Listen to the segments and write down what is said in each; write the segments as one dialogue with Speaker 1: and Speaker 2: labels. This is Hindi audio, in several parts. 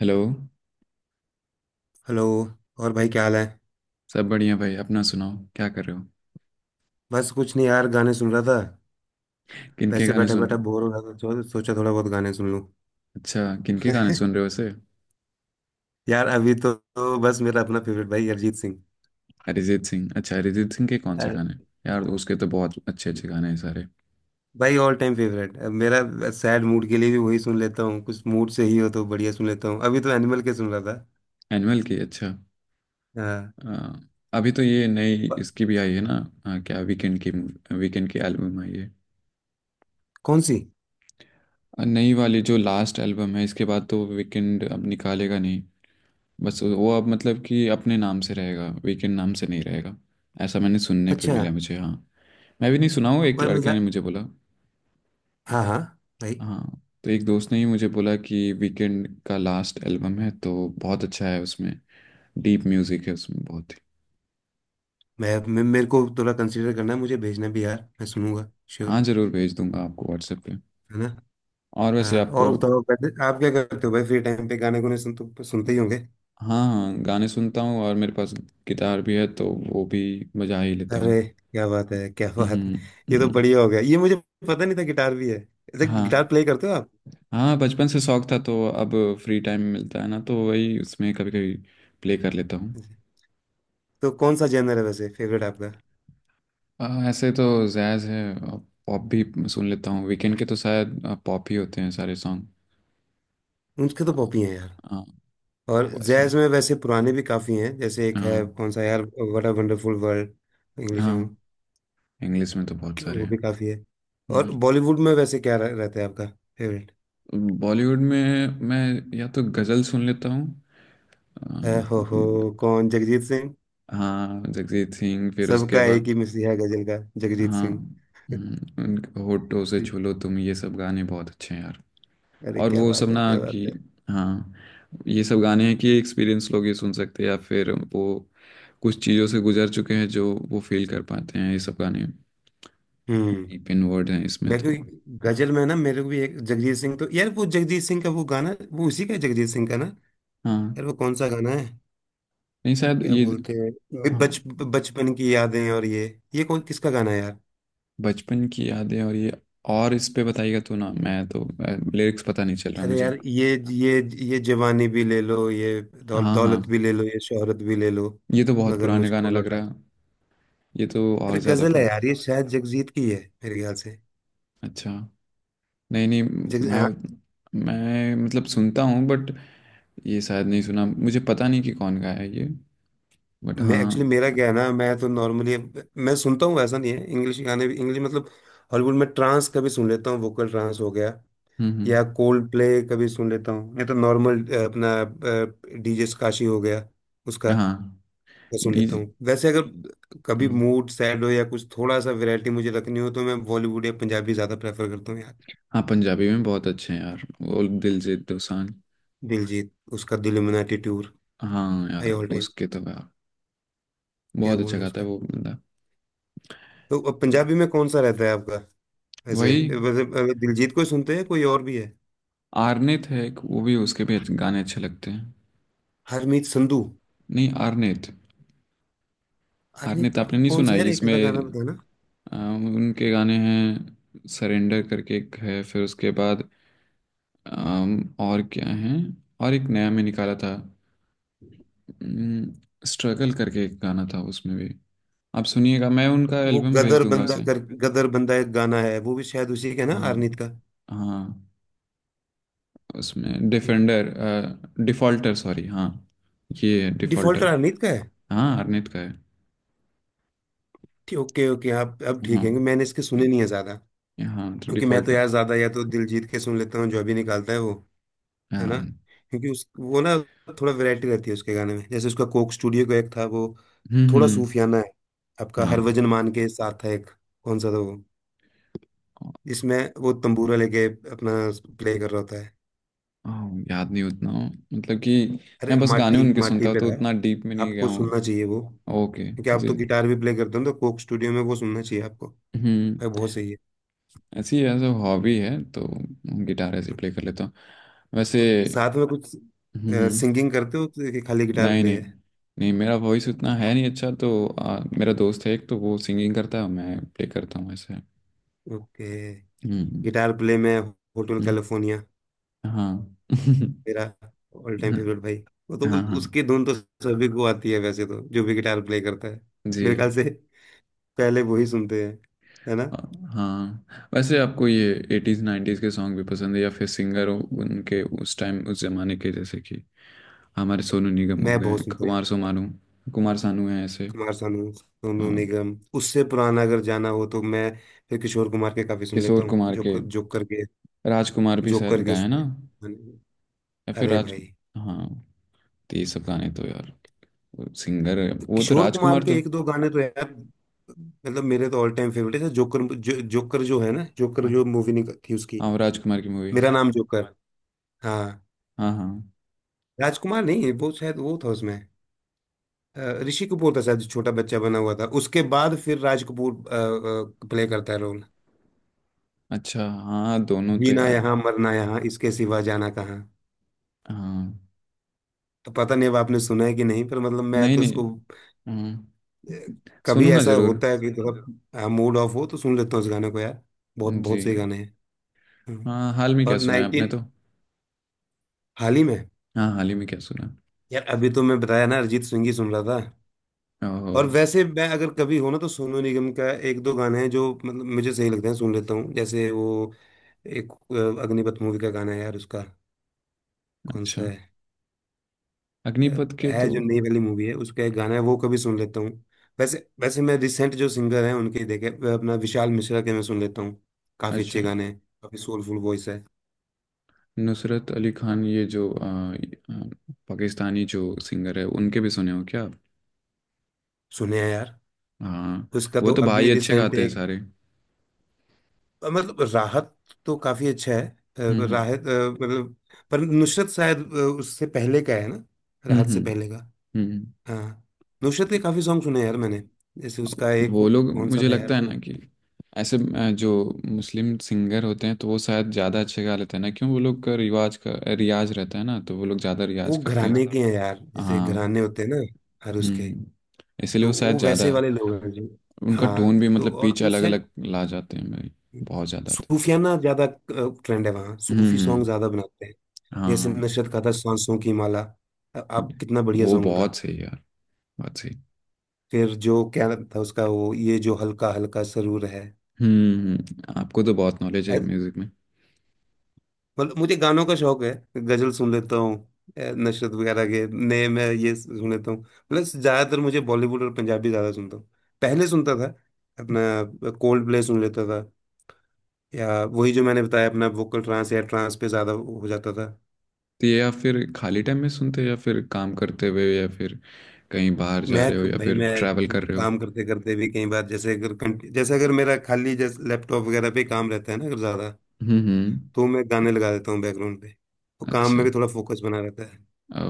Speaker 1: हेलो।
Speaker 2: हेलो। और भाई क्या हाल है?
Speaker 1: सब बढ़िया भाई। अपना सुनाओ, क्या कर रहे हो?
Speaker 2: बस कुछ नहीं यार, गाने सुन रहा था।
Speaker 1: किनके
Speaker 2: वैसे
Speaker 1: गाने
Speaker 2: बैठा
Speaker 1: सुन रहे
Speaker 2: बैठा
Speaker 1: हो?
Speaker 2: बोर हो रहा था तो सोचा थोड़ा बहुत गाने सुन लूं।
Speaker 1: अच्छा, किनके गाने सुन रहे हो वैसे?
Speaker 2: यार अभी तो बस मेरा अपना फेवरेट भाई अरिजीत सिंह।
Speaker 1: अरिजीत सिंह, अच्छा। अरिजीत सिंह के कौन से
Speaker 2: अरे,
Speaker 1: गाने? यार उसके तो बहुत अच्छे अच्छे गाने हैं सारे।
Speaker 2: भाई ऑल टाइम फेवरेट अब मेरा। सैड मूड के लिए भी वही सुन लेता हूँ, कुछ मूड से ही हो तो बढ़िया सुन लेता हूँ। अभी तो एनिमल के सुन रहा था।
Speaker 1: एनुअल के, अच्छा।
Speaker 2: हाँ।
Speaker 1: अ, अभी तो ये नई
Speaker 2: ब-
Speaker 1: इसकी भी आई है ना। क्या वीकेंड की? वीकेंड की एल्बम आई है।
Speaker 2: कौन सी?
Speaker 1: नई वाली जो लास्ट एल्बम है, इसके बाद तो वीकेंड अब निकालेगा नहीं। बस वो अब मतलब कि अपने नाम से रहेगा, वीकेंड नाम से नहीं रहेगा। ऐसा मैंने सुनने पे
Speaker 2: अच्छा।
Speaker 1: मिला मुझे। हाँ, मैं भी नहीं सुना हूँ, एक
Speaker 2: भाई
Speaker 1: लड़के ने मुझे बोला।
Speaker 2: हाँ हाँ। भाई,
Speaker 1: हाँ, तो एक दोस्त ने ही मुझे बोला कि वीकेंड का लास्ट एल्बम है तो बहुत अच्छा है उसमें। डीप म्यूजिक है उसमें बहुत ही।
Speaker 2: मैं मेरे को थोड़ा कंसिडर करना है, मुझे भेजना भी यार, मैं सुनूंगा।
Speaker 1: हाँ
Speaker 2: श्योर।
Speaker 1: जरूर भेज दूंगा आपको व्हाट्सएप पे।
Speaker 2: है ना।
Speaker 1: और वैसे
Speaker 2: हाँ,
Speaker 1: आपको।
Speaker 2: और बताओ पहले आप क्या करते हो भाई? फ्री टाइम पे गाने गुने सुन तो सुनते ही होंगे।
Speaker 1: हाँ हाँ, गाने सुनता हूँ। और मेरे पास गिटार भी है, तो वो भी बजा ही लेता हूँ।
Speaker 2: अरे क्या बात है, क्या बात है।
Speaker 1: हम्म।
Speaker 2: ये तो
Speaker 1: हम्म,
Speaker 2: बढ़िया हो गया, ये मुझे पता नहीं था गिटार भी है। ऐसे
Speaker 1: हाँ।
Speaker 2: गिटार प्ले करते हो आप?
Speaker 1: हाँ, बचपन से शौक था, तो अब फ्री टाइम मिलता है ना तो वही, उसमें कभी कभी प्ले कर लेता हूँ।
Speaker 2: तो कौन सा जेनर है वैसे फेवरेट आपका?
Speaker 1: ऐसे तो जैज़ है। पॉप भी सुन लेता हूँ। वीकेंड के तो शायद पॉप ही होते हैं सारे सॉन्ग।
Speaker 2: उनके तो
Speaker 1: हाँ।
Speaker 2: पॉप ही हैं यार।
Speaker 1: हाँ, तो
Speaker 2: और
Speaker 1: वैसे।
Speaker 2: जैज में वैसे पुराने भी काफी हैं, जैसे एक
Speaker 1: हाँ।
Speaker 2: है, कौन सा यार, what a wonderful world, English
Speaker 1: हाँ,
Speaker 2: सॉन्ग।
Speaker 1: इंग्लिश में तो बहुत सारे
Speaker 2: वो
Speaker 1: हैं।
Speaker 2: भी काफी है। और
Speaker 1: हम्म,
Speaker 2: बॉलीवुड में वैसे क्या रहता है आपका फेवरेट?
Speaker 1: बॉलीवुड में मैं या तो गजल सुन लेता हूँ। अम,
Speaker 2: हो, कौन, जगजीत सिंह?
Speaker 1: हाँ, जगजीत सिंह। फिर उसके
Speaker 2: सबका एक
Speaker 1: बाद
Speaker 2: ही मिसिया गजल का, जगजीत
Speaker 1: हाँ।
Speaker 2: सिंह।
Speaker 1: उन होठों से
Speaker 2: ठीक।
Speaker 1: छू लो तुम, ये सब गाने बहुत अच्छे हैं यार।
Speaker 2: अरे
Speaker 1: और
Speaker 2: क्या
Speaker 1: वो सब
Speaker 2: बात है,
Speaker 1: ना
Speaker 2: क्या बात
Speaker 1: कि
Speaker 2: है।
Speaker 1: हाँ, ये सब गाने हैं कि एक्सपीरियंस लोग ये सुन सकते हैं, या फिर वो कुछ चीज़ों से गुजर चुके हैं जो वो फील कर पाते हैं ये सब गाने।
Speaker 2: हम्म।
Speaker 1: डीप इन वर्ड हैं इसमें
Speaker 2: मैं कोई
Speaker 1: तो।
Speaker 2: गजल में ना, मेरे को भी एक जगजीत सिंह, तो यार वो जगजीत सिंह का वो गाना, वो उसी का है, जगजीत सिंह का ना?
Speaker 1: हाँ,
Speaker 2: यार वो कौन सा गाना है,
Speaker 1: नहीं शायद
Speaker 2: क्या
Speaker 1: ये।
Speaker 2: बोलते हैं?
Speaker 1: हाँ,
Speaker 2: बच बचपन की यादें, और ये कौन किसका गाना है यार?
Speaker 1: बचपन की यादें और ये, और इस पे बताइएगा तो ना, मैं तो लिरिक्स पता नहीं चल रहा
Speaker 2: अरे
Speaker 1: मुझे।
Speaker 2: यार ये ये जवानी भी ले लो, ये दौल,
Speaker 1: हाँ
Speaker 2: दौलत
Speaker 1: हाँ,
Speaker 2: भी ले लो, ये शोहरत भी ले लो,
Speaker 1: ये तो बहुत
Speaker 2: मगर
Speaker 1: पुराने गाना
Speaker 2: मुझको
Speaker 1: लग
Speaker 2: लौटा
Speaker 1: रहा।
Speaker 2: दो।
Speaker 1: ये तो और
Speaker 2: अरे
Speaker 1: ज़्यादा
Speaker 2: गजल है
Speaker 1: पुराना।
Speaker 2: यार, ये शायद जगजीत की है मेरे ख्याल से।
Speaker 1: अच्छा। नहीं नहीं। मैं,
Speaker 2: जग
Speaker 1: मैं मतलब सुनता हूँ बट ये शायद नहीं सुना। मुझे पता नहीं कि कौन गाया है ये। बट
Speaker 2: मैं एक्चुअली, मेरा
Speaker 1: हाँ।
Speaker 2: क्या है ना, मैं तो नॉर्मली मैं सुनता हूँ। ऐसा नहीं है, इंग्लिश गाने भी, इंग्लिश मतलब हॉलीवुड में ट्रांस कभी सुन लेता हूँ, वोकल ट्रांस हो गया,
Speaker 1: हम्म।
Speaker 2: या कोल्ड प्ले कभी सुन लेता हूँ, या तो नॉर्मल अपना डीजे काशी हो गया उसका।
Speaker 1: हाँ।
Speaker 2: मैं सुन लेता
Speaker 1: डीजे।
Speaker 2: हूँ वैसे, अगर कभी
Speaker 1: हाँ।
Speaker 2: मूड सैड हो या कुछ थोड़ा सा वैरायटी मुझे रखनी हो तो मैं बॉलीवुड या पंजाबी ज़्यादा प्रेफर करता हूँ यार।
Speaker 1: हाँ, पंजाबी में बहुत अच्छे हैं यार वो दिलजीत दोसांझ।
Speaker 2: दिलजीत, उसका दिल में टूर,
Speaker 1: हाँ
Speaker 2: भाई
Speaker 1: यार
Speaker 2: ऑल टाइम।
Speaker 1: उसके तो यार
Speaker 2: क्या
Speaker 1: बहुत
Speaker 2: बोलना
Speaker 1: अच्छा
Speaker 2: है
Speaker 1: गाता है
Speaker 2: उसका।
Speaker 1: वो बंदा।
Speaker 2: तो अब पंजाबी में कौन सा रहता है आपका वैसे?
Speaker 1: वही
Speaker 2: वैसे वैसे दिलजीत को ही सुनते हैं, कोई और भी है?
Speaker 1: आर्नेत है एक, वो भी, उसके भी अच्छे- गाने अच्छे लगते हैं।
Speaker 2: हरमीत संधू?
Speaker 1: नहीं, आर्नेत।
Speaker 2: हरमीत
Speaker 1: आर्नेत आपने नहीं
Speaker 2: कौन
Speaker 1: सुना
Speaker 2: सा
Speaker 1: है
Speaker 2: यार, एक आधा
Speaker 1: इसमें?
Speaker 2: गाना बताना।
Speaker 1: उनके गाने हैं, सरेंडर करके एक है। फिर उसके बाद और क्या है, और एक नया में निकाला था, स्ट्रगल करके एक गाना था उसमें भी। आप सुनिएगा, मैं उनका
Speaker 2: वो
Speaker 1: एल्बम भेज
Speaker 2: गदर हरमीत
Speaker 1: दूंगा
Speaker 2: बंदा
Speaker 1: उसे।
Speaker 2: कर, गदर बंदा एक गाना है, वो भी शायद उसी का है ना,
Speaker 1: हाँ।
Speaker 2: हरमीत का?
Speaker 1: हाँ, उसमें
Speaker 2: ठीक।
Speaker 1: डिफेंडर, डिफॉल्टर सॉरी, हाँ। ये है डिफॉल्टर।
Speaker 2: डिफॉल्टर हरमीत का है?
Speaker 1: हाँ, आर्नेत का है।
Speaker 2: ठीक, ओके ओके, आप अब ठीक है,
Speaker 1: हाँ
Speaker 2: क्योंकि मैंने इसके सुने नहीं है ज्यादा।
Speaker 1: हाँ, तो
Speaker 2: क्योंकि मैं तो
Speaker 1: डिफॉल्टर।
Speaker 2: यार ज्यादा या तो दिलजीत के सुन लेता हूँ जो अभी निकालता है वो, है ना।
Speaker 1: हाँ।
Speaker 2: क्योंकि उस वो ना, थोड़ा वैरायटी रहती है उसके गाने में। जैसे उसका कोक स्टूडियो का एक था वो, थोड़ा
Speaker 1: हम्म।
Speaker 2: सूफियाना है। आपका,
Speaker 1: हाँ।
Speaker 2: हर वजन मान के साथ है एक, कौन सा था वो जिसमें वो तंबूरा लेके अपना प्ले कर रहा होता है?
Speaker 1: हाँ। याद नहीं उतना, मतलब कि
Speaker 2: अरे
Speaker 1: मैं बस गाने
Speaker 2: माटी
Speaker 1: उनके
Speaker 2: माटी
Speaker 1: सुनता हूँ
Speaker 2: पे
Speaker 1: तो
Speaker 2: था,
Speaker 1: उतना डीप में
Speaker 2: मतलब
Speaker 1: नहीं गया
Speaker 2: आपको
Speaker 1: हूँ।
Speaker 2: सुनना चाहिए वो,
Speaker 1: ओके।
Speaker 2: क्योंकि आप तो
Speaker 1: जी।
Speaker 2: गिटार भी प्ले करते हो ना, तो कोक स्टूडियो में वो सुनना चाहिए आपको।
Speaker 1: हम्म।
Speaker 2: भाई बहुत सही है।
Speaker 1: ऐसी एज अ हॉबी है तो गिटार ऐसे प्ले कर लेता हूँ वैसे।
Speaker 2: साथ में कुछ
Speaker 1: हम्म हम्म।
Speaker 2: सिंगिंग करते हो, तो कि खाली गिटार
Speaker 1: नहीं
Speaker 2: प्ले
Speaker 1: नहीं।
Speaker 2: है?
Speaker 1: नहीं, मेरा वॉइस उतना है नहीं अच्छा, तो मेरा दोस्त है एक, तो वो सिंगिंग करता है, मैं प्ले करता हूँ ऐसे।
Speaker 2: ओके।
Speaker 1: हम्म।
Speaker 2: गिटार प्ले में होटल कैलिफोर्निया
Speaker 1: हाँ।
Speaker 2: मेरा ऑल टाइम फेवरेट भाई। वो तो
Speaker 1: हाँ हाँ।
Speaker 2: उसकी धुन तो सभी को आती है, वैसे तो जो भी गिटार प्ले करता है मेरे ख्याल
Speaker 1: जी।
Speaker 2: से, पहले वही सुनते हैं, है ना।
Speaker 1: हाँ, वैसे आपको ये एटीज नाइन्टीज के सॉन्ग भी पसंद है, या फिर सिंगर हो उनके उस टाइम उस जमाने के, जैसे कि हमारे सोनू निगम हो
Speaker 2: मैं
Speaker 1: गए,
Speaker 2: बहुत सुनता हूँ।
Speaker 1: कुमार सोमानू, कुमार सानू है ऐसे।
Speaker 2: कुमार सानू, सोनू
Speaker 1: हाँ।
Speaker 2: निगम, उससे पुराना अगर जाना हो तो मैं फिर किशोर कुमार के काफी सुन लेता
Speaker 1: किशोर
Speaker 2: हूँ,
Speaker 1: कुमार
Speaker 2: जो
Speaker 1: के, राजकुमार भी
Speaker 2: जो
Speaker 1: शायद
Speaker 2: करके
Speaker 1: गाए हैं
Speaker 2: उसमें।
Speaker 1: ना, या फिर
Speaker 2: अरे
Speaker 1: राज।
Speaker 2: भाई,
Speaker 1: हाँ, तो ये सब गाने तो यार, सिंगर, वो तो
Speaker 2: किशोर कुमार
Speaker 1: राजकुमार
Speaker 2: के
Speaker 1: तो।
Speaker 2: एक दो गाने तो यार, मतलब मेरे तो ऑल टाइम फेवरेट है। जोकर, जोकर जो है ना, जोकर जो
Speaker 1: हाँ।
Speaker 2: मूवी निकली थी उसकी,
Speaker 1: हाँ, वो राजकुमार की मूवी।
Speaker 2: मेरा नाम जोकर। हाँ।
Speaker 1: हाँ हाँ।
Speaker 2: राजकुमार नहीं, वो शायद वो था उसमें, अ, ऋषि कपूर था शायद जो छोटा बच्चा बना हुआ था, उसके बाद फिर राज कपूर प्ले करता है रोल।
Speaker 1: अच्छा हाँ, दोनों तो
Speaker 2: जीना
Speaker 1: यार।
Speaker 2: यहाँ मरना यहाँ, इसके सिवा जाना कहाँ।
Speaker 1: हाँ।
Speaker 2: तो पता नहीं अब आपने सुना है कि नहीं, पर मतलब मैं
Speaker 1: नहीं
Speaker 2: तो
Speaker 1: नहीं।
Speaker 2: इसको,
Speaker 1: हाँ,
Speaker 2: अ, कभी
Speaker 1: सुनूंगा
Speaker 2: ऐसा
Speaker 1: जरूर।
Speaker 2: होता है कि सुन लेते हो, थोड़ा मूड ऑफ हो तो सुन लेता हूँ इस गाने को यार। बहुत
Speaker 1: जी।
Speaker 2: बहुत सही गाने हैं। हम्म।
Speaker 1: हाँ, हाल में क्या
Speaker 2: और
Speaker 1: सुना है आपने
Speaker 2: 19।
Speaker 1: तो?
Speaker 2: हाल ही में,
Speaker 1: हाँ, हाल ही में क्या सुना?
Speaker 2: यार अभी तो मैं बताया ना, अरिजीत सिंह ही सुन रहा था।
Speaker 1: है ओहो।
Speaker 2: और वैसे मैं अगर कभी हो ना तो सोनू निगम का एक दो गाने हैं जो मतलब मुझे सही लगते हैं, सुन लेता हूँ। जैसे वो एक अग्निपथ मूवी का गाना है यार उसका। कौन सा
Speaker 1: अच्छा।
Speaker 2: है
Speaker 1: अग्निपथ के
Speaker 2: है
Speaker 1: तो।
Speaker 2: जो नई वाली मूवी है, उसका एक गाना है वो कभी सुन लेता हूँ। वैसे वैसे मैं रिसेंट जो सिंगर हैं उनके ही देखे, वह अपना विशाल मिश्रा के मैं सुन लेता हूँ, काफी
Speaker 1: अच्छा।
Speaker 2: अच्छे गाने हैं, काफी सोलफुल वॉइस है।
Speaker 1: नुसरत अली खान, ये जो आ, आ, पाकिस्तानी जो सिंगर है, उनके भी सुने हो क्या आप?
Speaker 2: सुने हैं यार।
Speaker 1: हाँ।
Speaker 2: उसका
Speaker 1: वो
Speaker 2: तो
Speaker 1: तो
Speaker 2: अभी
Speaker 1: भाई अच्छे
Speaker 2: रिसेंट
Speaker 1: गाते हैं
Speaker 2: एक,
Speaker 1: सारे।
Speaker 2: मतलब राहत, तो काफी अच्छा है। अ,
Speaker 1: हम्म
Speaker 2: राहत मतलब, पर नुसरत शायद उससे पहले का है ना, राहत से पहले का।
Speaker 1: हम्म। हम्म।
Speaker 2: हाँ। नुसरत के काफी सॉन्ग सुने हैं यार मैंने। जैसे उसका
Speaker 1: हम्म।
Speaker 2: एक
Speaker 1: वो लोग
Speaker 2: कौन सा
Speaker 1: मुझे
Speaker 2: था यार
Speaker 1: लगता है ना
Speaker 2: वो?
Speaker 1: कि ऐसे जो मुस्लिम सिंगर होते हैं तो वो शायद ज़्यादा अच्छे गा लेते हैं ना, क्यों, वो लोग का रिवाज का रियाज रहता है ना तो वो लोग ज़्यादा रियाज
Speaker 2: वो
Speaker 1: करते हैं।
Speaker 2: घराने के हैं यार, जैसे
Speaker 1: हाँ।
Speaker 2: घराने होते हैं ना हर उसके,
Speaker 1: हम्म। इसलिए
Speaker 2: तो
Speaker 1: वो शायद
Speaker 2: वो
Speaker 1: ज़्यादा,
Speaker 2: वैसे वाले लोग हैं जी।
Speaker 1: उनका टोन भी
Speaker 2: हाँ, तो
Speaker 1: मतलब
Speaker 2: और
Speaker 1: पिच
Speaker 2: उस
Speaker 1: अलग
Speaker 2: साइड
Speaker 1: अलग ला जाते हैं भाई, बहुत ज़्यादा तो।
Speaker 2: सूफियाना ज्यादा ट्रेंड है, वहाँ
Speaker 1: हम्म
Speaker 2: सूफी सॉन्ग
Speaker 1: हम्म,
Speaker 2: ज्यादा बनाते हैं।
Speaker 1: हाँ
Speaker 2: जैसे
Speaker 1: हाँ।
Speaker 2: नशरत का था, सांसों की माला, आप, कितना बढ़िया
Speaker 1: वो
Speaker 2: सॉन्ग था।
Speaker 1: बहुत सही यार, बहुत सही।
Speaker 2: फिर जो क्या था उसका वो, ये जो हल्का हल्का सरूर है।
Speaker 1: आपको तो बहुत नॉलेज है
Speaker 2: ऐ-
Speaker 1: म्यूज़िक में।
Speaker 2: मतलब मुझे गानों का शौक है। गजल सुन लेता हूँ। नशरत वगैरह के, नए मैं ये सुन लेता हूँ। प्लस ज्यादातर मुझे बॉलीवुड और पंजाबी, ज्यादा सुनता हूँ। पहले सुनता था अपना कोल्ड प्ले सुन लेता था, या वही जो मैंने बताया अपना वोकल ट्रांस, या ट्रांस पे ज्यादा हो जाता था।
Speaker 1: तो ये आप फिर खाली टाइम में सुनते हो, या फिर काम करते हुए, या फिर कहीं बाहर जा
Speaker 2: मैं,
Speaker 1: रहे हो, या
Speaker 2: भाई
Speaker 1: फिर
Speaker 2: मैं
Speaker 1: ट्रैवल कर रहे हो?
Speaker 2: काम करते करते भी कई बार, जैसे अगर जैसे अगर मेरा खाली जैसे लैपटॉप वगैरह पे काम रहता है ना अगर ज्यादा,
Speaker 1: हम्म हम्म,
Speaker 2: तो मैं गाने लगा देता हूँ बैकग्राउंड पे, तो काम
Speaker 1: अच्छा।
Speaker 2: में भी थोड़ा फोकस बना रहता है।
Speaker 1: ओ।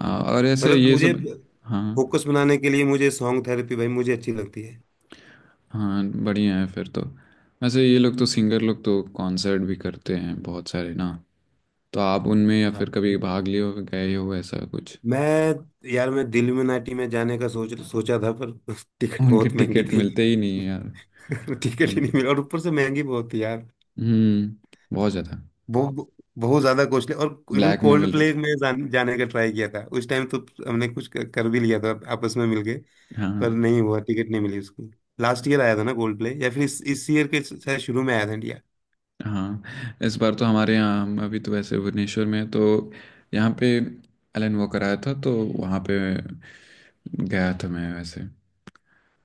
Speaker 1: और ऐसे
Speaker 2: मतलब
Speaker 1: ये
Speaker 2: मुझे,
Speaker 1: सब। हाँ।
Speaker 2: फोकस बनाने के लिए मुझे सॉन्ग थेरेपी भाई मुझे अच्छी लगती है।
Speaker 1: हाँ बढ़िया है फिर तो। वैसे ये लोग तो, सिंगर लोग तो कॉन्सर्ट भी करते हैं बहुत सारे ना, तो आप उनमें या
Speaker 2: हाँ
Speaker 1: फिर कभी
Speaker 2: भाई।
Speaker 1: भाग लिए हो, गए हो, ऐसा कुछ?
Speaker 2: मैं, यार मैं दिल्यूमिनाटी में जाने का सोचा था पर टिकट
Speaker 1: उनके
Speaker 2: बहुत महंगी
Speaker 1: टिकट
Speaker 2: थी।
Speaker 1: मिलते ही नहीं है यार।
Speaker 2: टिकट ही नहीं
Speaker 1: उनके।
Speaker 2: मिला और ऊपर से महंगी बहुत थी यार।
Speaker 1: हम्म। बहुत ज़्यादा।
Speaker 2: बहुत, बहुत ज्यादा कॉस्टली। और इवन
Speaker 1: ब्लैक में
Speaker 2: कोल्ड
Speaker 1: मिल रहे
Speaker 2: प्ले
Speaker 1: थे।
Speaker 2: में जाने का ट्राई किया था उस टाइम तो, हमने कुछ कर कर भी लिया था आपस में मिलके, पर
Speaker 1: हाँ।
Speaker 2: नहीं हुआ, टिकट नहीं मिली उसकी। लास्ट ईयर आया था ना कोल्ड प्ले, या फिर इस ईयर के शायद शुरू में आया था इंडिया।
Speaker 1: हाँ, इस बार तो हमारे यहाँ, हम अभी तो वैसे भुवनेश्वर में हैं, तो यहाँ पे एलन वॉकर आया था, तो वहाँ पे गया था मैं वैसे।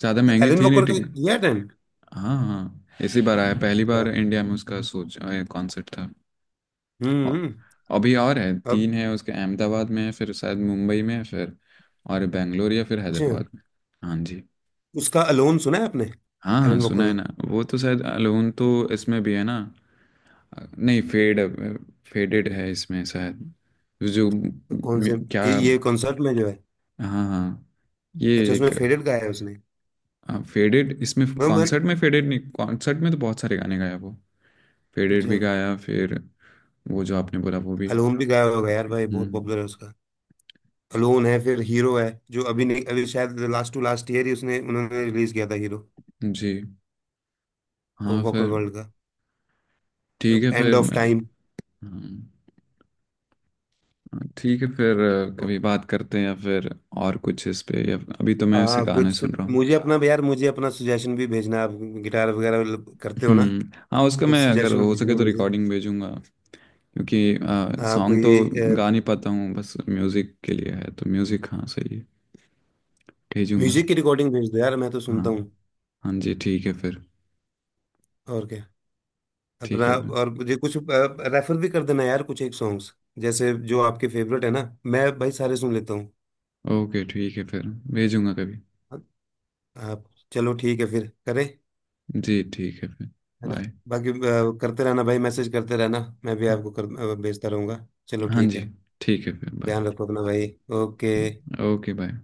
Speaker 1: ज़्यादा महंगी
Speaker 2: एलन
Speaker 1: थी नहीं
Speaker 2: वॉकर का
Speaker 1: टिकट।
Speaker 2: दिया अटेंड?
Speaker 1: हाँ हाँ, इसी बार आया पहली
Speaker 2: क्या?
Speaker 1: बार इंडिया में उसका सोच कॉन्सर्ट था। औ-
Speaker 2: हम्म हम्म।
Speaker 1: अभी और है,
Speaker 2: और,
Speaker 1: तीन है उसके। अहमदाबाद में है, फिर शायद मुंबई में है, फिर और बेंगलोर या फिर
Speaker 2: अच्छा
Speaker 1: हैदराबाद में। हाँ जी।
Speaker 2: उसका अलोन सुना है आपने,
Speaker 1: हाँ हाँ,
Speaker 2: एलन
Speaker 1: सुना है
Speaker 2: वॉकर का?
Speaker 1: ना। वो तो शायद अलोन तो इसमें भी है ना। नहीं, फेड, फेडेड है इसमें शायद। जो
Speaker 2: तो कौन से,
Speaker 1: क्या।
Speaker 2: ये कॉन्सर्ट में जो है।
Speaker 1: हाँ हाँ, ये
Speaker 2: अच्छा उसमें
Speaker 1: एक।
Speaker 2: फेडेड गाया है उसने।
Speaker 1: फेडेड इसमें
Speaker 2: मैं मैं-
Speaker 1: कॉन्सर्ट में, फेडेड नहीं, कॉन्सर्ट में तो बहुत सारे गाने गाया वो। फेडेड
Speaker 2: अच्छा।
Speaker 1: भी गाया, फिर वो जो आपने बोला वो भी।
Speaker 2: अलोन भी गाया होगा यार, भाई बहुत
Speaker 1: हम्म।
Speaker 2: पॉपुलर है। क्लोन है, फिर हीरो है जो अभी नहीं, अभी शायद लास्ट टू लास्ट ईयर ही उसने, उन्होंने रिलीज किया था हीरो,
Speaker 1: जी।
Speaker 2: वो
Speaker 1: हाँ
Speaker 2: वॉकर
Speaker 1: फिर
Speaker 2: वर्ल्ड का,
Speaker 1: ठीक है,
Speaker 2: एंड
Speaker 1: फिर
Speaker 2: ऑफ
Speaker 1: मैं,
Speaker 2: टाइम।
Speaker 1: हाँ, ठीक है फिर। कभी बात करते हैं या फिर और कुछ इस पे। या अभी तो मैं उसे
Speaker 2: हाँ
Speaker 1: गाने
Speaker 2: कुछ,
Speaker 1: सुन रहा हूँ।
Speaker 2: मुझे अपना यार, मुझे अपना सुजेशन भी भेजना आप। गिटार वगैरह करते हो ना,
Speaker 1: हम्म। हाँ, उसका
Speaker 2: तो
Speaker 1: मैं अगर
Speaker 2: सजेशन
Speaker 1: हो सके
Speaker 2: भेजना
Speaker 1: तो
Speaker 2: मुझे।
Speaker 1: रिकॉर्डिंग भेजूंगा, क्योंकि
Speaker 2: हाँ
Speaker 1: सॉन्ग तो
Speaker 2: कोई
Speaker 1: गा नहीं पाता हूँ, बस म्यूज़िक के लिए है तो म्यूज़िक। हाँ सही है, भेजूंगा।
Speaker 2: म्यूजिक की रिकॉर्डिंग भेज दो यार, मैं तो
Speaker 1: हाँ।
Speaker 2: सुनता हूँ।
Speaker 1: हाँ जी, ठीक है फिर।
Speaker 2: और क्या
Speaker 1: ठीक
Speaker 2: अपना,
Speaker 1: है फिर।
Speaker 2: और मुझे कुछ रेफर भी कर देना यार कुछ एक सॉन्ग्स, जैसे जो आपके फेवरेट है ना, मैं भाई सारे सुन लेता हूँ।
Speaker 1: ओके ठीक है फिर। भेजूंगा कभी।
Speaker 2: आप चलो ठीक है फिर करें,
Speaker 1: जी ठीक है फिर।
Speaker 2: है ना।
Speaker 1: बाय।
Speaker 2: बाकी करते रहना भाई, मैसेज करते रहना, मैं भी
Speaker 1: हाँ।
Speaker 2: आपको भेजता रहूंगा। चलो
Speaker 1: हाँ
Speaker 2: ठीक
Speaker 1: जी।
Speaker 2: है,
Speaker 1: ठीक है फिर, बाय।
Speaker 2: ध्यान रखो अपना भाई। ओके।
Speaker 1: Okay bye.